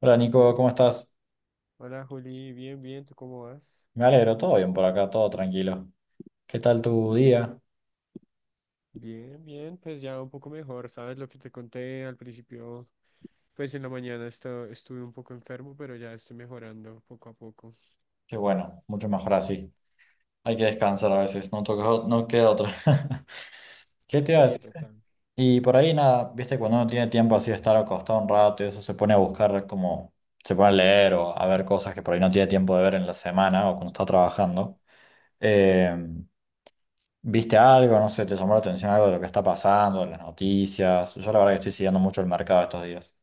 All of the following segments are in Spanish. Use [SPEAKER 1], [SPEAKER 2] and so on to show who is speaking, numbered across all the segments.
[SPEAKER 1] Hola Nico, ¿cómo estás?
[SPEAKER 2] Hola Juli, bien, bien, ¿tú cómo vas?
[SPEAKER 1] Me alegro, todo bien por acá, todo tranquilo. ¿Qué tal tu día?
[SPEAKER 2] Bien, bien, pues ya un poco mejor, ¿sabes lo que te conté al principio? Pues en la mañana estuve un poco enfermo, pero ya estoy mejorando poco a poco.
[SPEAKER 1] Qué bueno, mucho mejor así. Hay que descansar a veces, no toca, no queda otra. ¿Qué te iba a
[SPEAKER 2] Sí,
[SPEAKER 1] decir?
[SPEAKER 2] total.
[SPEAKER 1] Y por ahí nada, viste, cuando uno tiene tiempo así de estar acostado un rato y eso se pone a buscar como, se pone a leer o a ver cosas que por ahí no tiene tiempo de ver en la semana o cuando está trabajando. Eh, ¿Viste algo? No sé, ¿te llamó la atención algo de lo que está pasando, de las noticias? Yo la verdad que estoy siguiendo mucho el mercado estos días.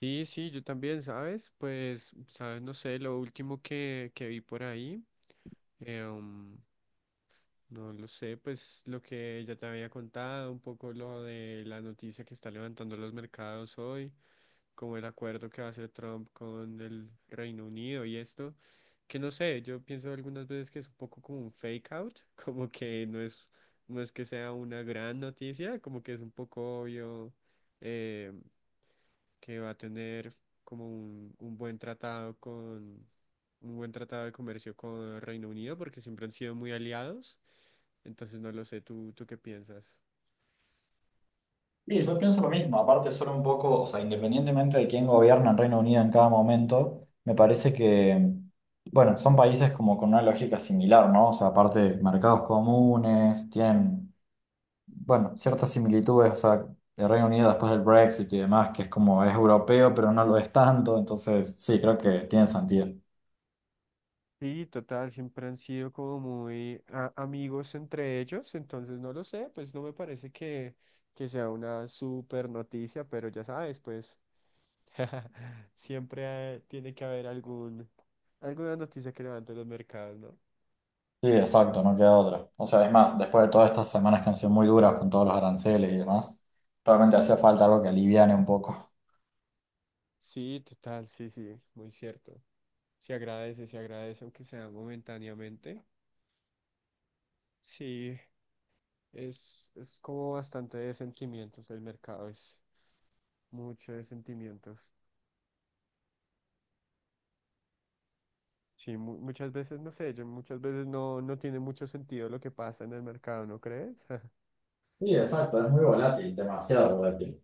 [SPEAKER 2] Sí, sí, yo también, ¿sabes? Pues, ¿sabes? No sé, lo último que vi por ahí, eh, um, no lo sé, pues lo que ya te había contado, un poco lo de la noticia que está levantando los mercados hoy. Como el acuerdo que va a hacer Trump con el Reino Unido y esto, que no sé, yo pienso algunas veces que es un poco como un fake out, como que no es, no es que sea una gran noticia, como que es un poco obvio, eh, que va a tener como un buen tratado con, un buen tratado de comercio con el Reino Unido, porque siempre han sido muy aliados, entonces no lo sé, ¿tú qué piensas?
[SPEAKER 1] Sí, yo pienso lo mismo. Aparte, son un poco, o sea, independientemente de quién gobierna en Reino Unido en cada momento, me parece que, bueno, son países como con una lógica similar, ¿no? O sea, aparte, mercados comunes, tienen, bueno, ciertas similitudes, o sea, el Reino Unido después del Brexit y demás, que es como es europeo, pero no lo es tanto, entonces sí, creo que tiene sentido.
[SPEAKER 2] Sí, total, siempre han sido como muy amigos entre ellos, entonces no lo sé, pues no me parece que sea una super noticia, pero ya sabes, pues siempre, tiene que haber alguna noticia que levante los mercados, ¿no?
[SPEAKER 1] Sí, exacto, no queda otra. O sea, es más, después de todas estas semanas que han sido muy duras con todos los aranceles y demás, realmente hacía falta algo que aliviane un poco.
[SPEAKER 2] Sí, total, sí, sí, muy cierto. Se agradece, aunque sea momentáneamente. Sí, es como bastante de sentimientos, el mercado es mucho de sentimientos. Sí, muchas veces, no sé, yo muchas veces no tiene mucho sentido lo que pasa en el mercado, ¿no crees?
[SPEAKER 1] Sí, exacto, es muy volátil, demasiado volátil.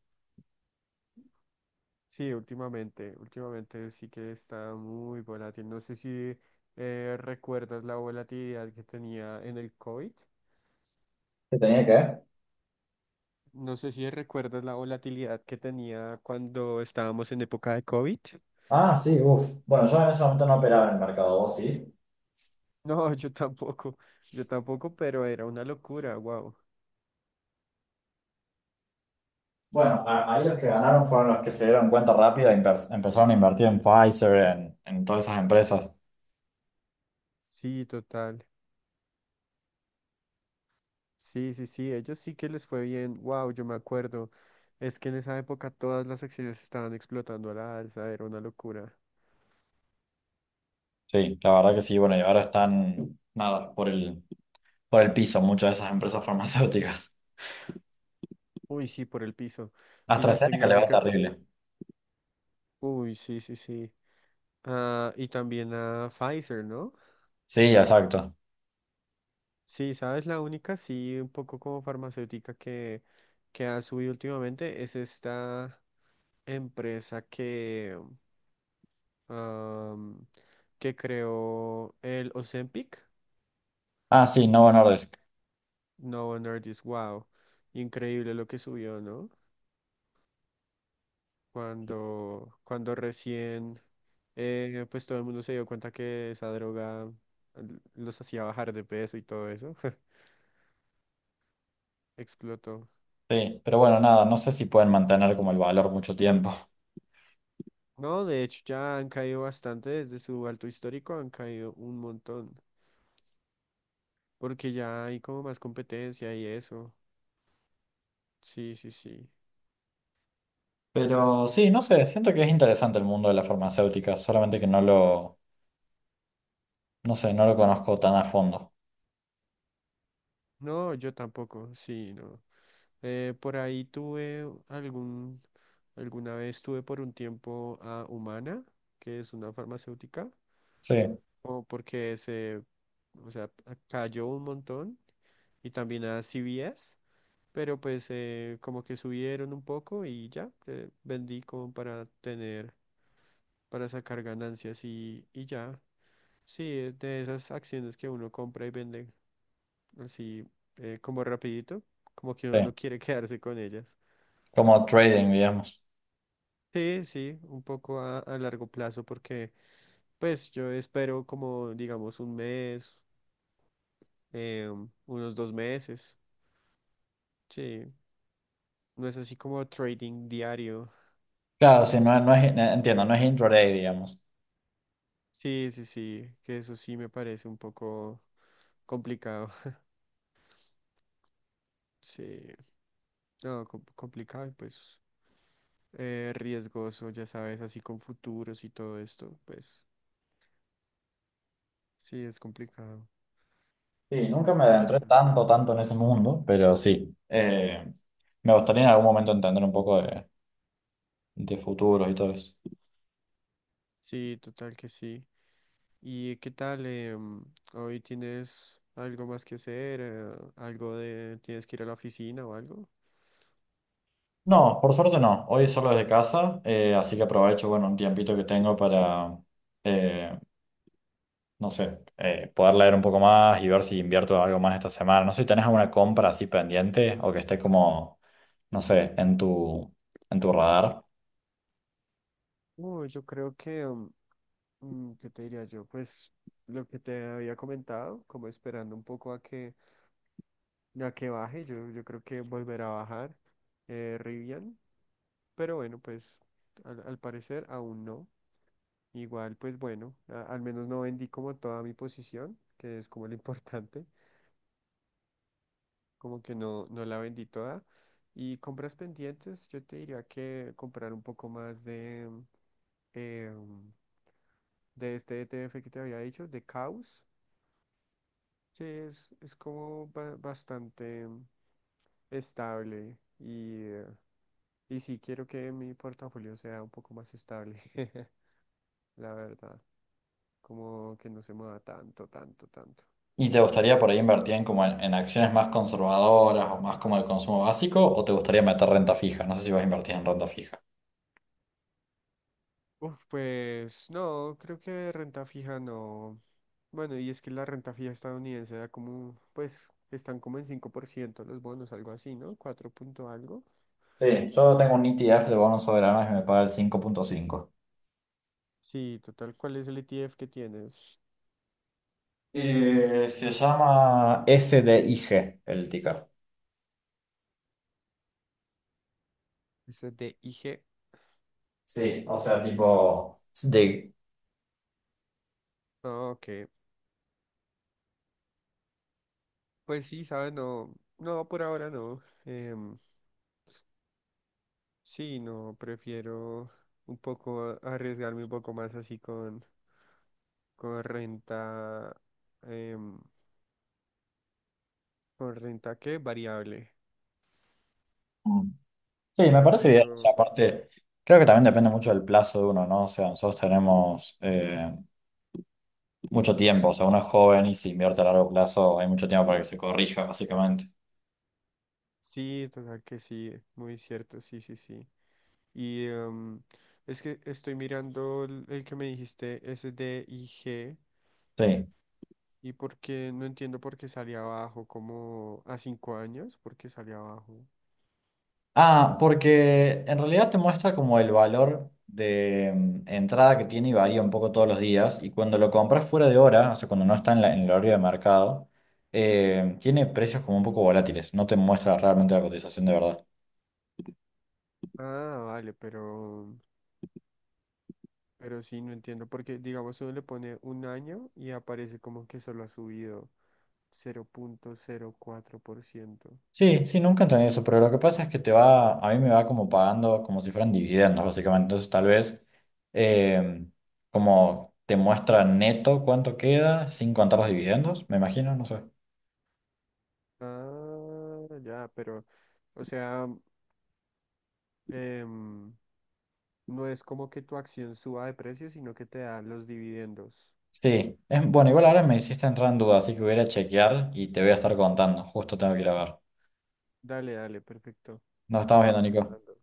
[SPEAKER 2] Sí, últimamente, últimamente sí que está muy volátil. No sé si, recuerdas la volatilidad que tenía en el COVID.
[SPEAKER 1] ¿Qué tenía que ver?
[SPEAKER 2] No sé si recuerdas la volatilidad que tenía cuando estábamos en época de COVID.
[SPEAKER 1] Ah, sí, uff. Bueno, yo en ese momento no operaba en el mercado, ¿vos sí?
[SPEAKER 2] No, yo tampoco, pero era una locura, wow.
[SPEAKER 1] Bueno, ahí los que ganaron fueron los que se dieron cuenta rápido e empezaron a invertir en Pfizer, en todas esas empresas.
[SPEAKER 2] Sí, total. Sí, sí, sí, ellos sí que les fue bien. Wow, yo me acuerdo. Es que en esa época todas las acciones estaban explotando a la alza, era una locura.
[SPEAKER 1] Sí, la verdad que sí, bueno, y ahora están, nada, por el piso muchas de esas empresas farmacéuticas.
[SPEAKER 2] Uy, sí, por el piso. Y las
[SPEAKER 1] AstraZeneca le va
[SPEAKER 2] tecnológicas,
[SPEAKER 1] terrible.
[SPEAKER 2] uy, sí, sí, sí. Ah, y también a Pfizer, ¿no?
[SPEAKER 1] Sí, exacto.
[SPEAKER 2] Sí, sabes, la única, sí, un poco como farmacéutica que ha subido últimamente es esta empresa am, que creó el Ozempic.
[SPEAKER 1] Ah, sí, Novo Nordisk.
[SPEAKER 2] No, Novo Nordisk, wow, increíble lo que subió, ¿no? Cuando recién, pues todo el mundo se dio cuenta que esa droga los hacía bajar de peso y todo eso, explotó.
[SPEAKER 1] Sí, pero bueno, nada, no sé si pueden mantener como el valor mucho tiempo.
[SPEAKER 2] No, de hecho ya han caído bastante desde su alto histórico, han caído un montón, porque ya hay como más competencia y eso. Sí, sí, sí.
[SPEAKER 1] Pero sí, no sé, siento que es interesante el mundo de la farmacéutica, solamente que no sé, no lo conozco tan a fondo.
[SPEAKER 2] No, yo tampoco, sí, no. Por ahí tuve algún, alguna vez tuve por un tiempo a Humana, que es una farmacéutica,
[SPEAKER 1] Sí,
[SPEAKER 2] o porque se, o sea, cayó un montón, y también a CVS, pero pues, como que subieron un poco y ya, vendí como para tener, para sacar ganancias y ya. Sí, de esas acciones que uno compra y vende así, como rapidito, como que uno
[SPEAKER 1] sí,
[SPEAKER 2] no quiere quedarse con ellas.
[SPEAKER 1] como trading, digamos.
[SPEAKER 2] Sí, sí, un poco a largo plazo porque pues yo espero como digamos un mes, eh, unos 2 meses. Sí, no es así como trading diario.
[SPEAKER 1] Claro, sí, no, no es, entiendo, no es intraday, digamos.
[SPEAKER 2] Sí, sí, sí, que eso sí me parece un poco complicado. Sí, no, complicado y pues, riesgoso, ya sabes, así con futuros y todo esto, pues sí, es complicado.
[SPEAKER 1] Sí, nunca me
[SPEAKER 2] Pero
[SPEAKER 1] adentré
[SPEAKER 2] no.
[SPEAKER 1] tanto en ese mundo, pero sí, me gustaría en algún momento entender un poco de futuros y todo eso.
[SPEAKER 2] Sí, total que sí. ¿Y qué tal? ¿Hoy tienes algo más que hacer? ¿Tienes que ir a la oficina o algo?
[SPEAKER 1] No, por suerte no, hoy solo desde casa, así que aprovecho, bueno, un tiempito que tengo para, eh, no sé, poder leer un poco más y ver si invierto algo más esta semana. No sé si tenés alguna compra así pendiente o que esté como, no sé, en tu radar.
[SPEAKER 2] No, yo creo que, ¿qué te diría yo? Pues lo que te había comentado, como esperando un poco a que baje, yo creo que volverá a bajar, Rivian, pero bueno, pues al parecer aún no. Igual, pues bueno, al menos no vendí como toda mi posición, que es como lo importante. Como que no la vendí toda. Y compras pendientes, yo te diría que comprar un poco más eh, de este ETF que te había dicho, de Caos. Sí, es como bastante, estable y sí quiero que mi portafolio sea un poco más estable, la verdad. Como que no se mueva tanto, tanto, tanto.
[SPEAKER 1] ¿Y te gustaría por ahí invertir en, como en acciones más conservadoras o más como el consumo básico o te gustaría meter renta fija? No sé si vas a invertir en renta fija.
[SPEAKER 2] Uf, pues no, creo que renta fija no. Bueno, y es que la renta fija estadounidense da como, pues, están como en 5% los bonos, algo así, ¿no? Cuatro punto algo.
[SPEAKER 1] Sí, yo tengo un ETF de bonos soberanos que me paga el 5,5.
[SPEAKER 2] Sí, total, ¿cuál es el ETF que tienes?
[SPEAKER 1] Se llama SDIG el ticker.
[SPEAKER 2] Ese es el de IG.
[SPEAKER 1] Sí, o sea, tipo de,
[SPEAKER 2] Ah, ok. Pues sí, ¿sabes? No, no, por ahora no. Sí, no, prefiero un poco arriesgarme un poco más así con renta, em, con renta, ¿qué? Variable.
[SPEAKER 1] sí, me parece bien. O sea,
[SPEAKER 2] Pero
[SPEAKER 1] aparte, creo que también depende mucho del plazo de uno, ¿no? O sea, nosotros tenemos mucho tiempo. O sea, uno es joven y si invierte a largo plazo hay mucho tiempo para que se corrija, básicamente.
[SPEAKER 2] sí, total que sí, muy cierto, sí, sí, sí. Y es que estoy mirando el que me dijiste, SDIG,
[SPEAKER 1] Sí.
[SPEAKER 2] y porque no entiendo por qué salía abajo, como a 5 años, por qué salía abajo.
[SPEAKER 1] Ah, porque en realidad te muestra como el valor de entrada que tiene y varía un poco todos los días. Y cuando lo compras fuera de hora, o sea, cuando no está en, en el horario de mercado, tiene precios como un poco volátiles. No te muestra realmente la cotización de verdad.
[SPEAKER 2] Ah, vale, pero, sí, no entiendo, porque digamos si uno le pone un año y aparece como que solo ha subido 00,04%.
[SPEAKER 1] Sí, sí, nunca entendí eso, pero lo que pasa es que te va, a mí me va como pagando como si fueran dividendos, básicamente. Entonces, tal vez eh, como te muestra neto cuánto queda sin contar los dividendos, me imagino, no sé.
[SPEAKER 2] Ah, ya, pero, o sea, em, no es como que tu acción suba de precio, sino que te da los dividendos.
[SPEAKER 1] Sí, es, bueno, igual ahora me hiciste entrar en duda, así que voy a ir a chequear y te voy a estar contando. Justo tengo que ir a ver.
[SPEAKER 2] Dale, dale, perfecto.
[SPEAKER 1] Nos
[SPEAKER 2] Me
[SPEAKER 1] estamos viendo,
[SPEAKER 2] estás
[SPEAKER 1] Nico.
[SPEAKER 2] contando.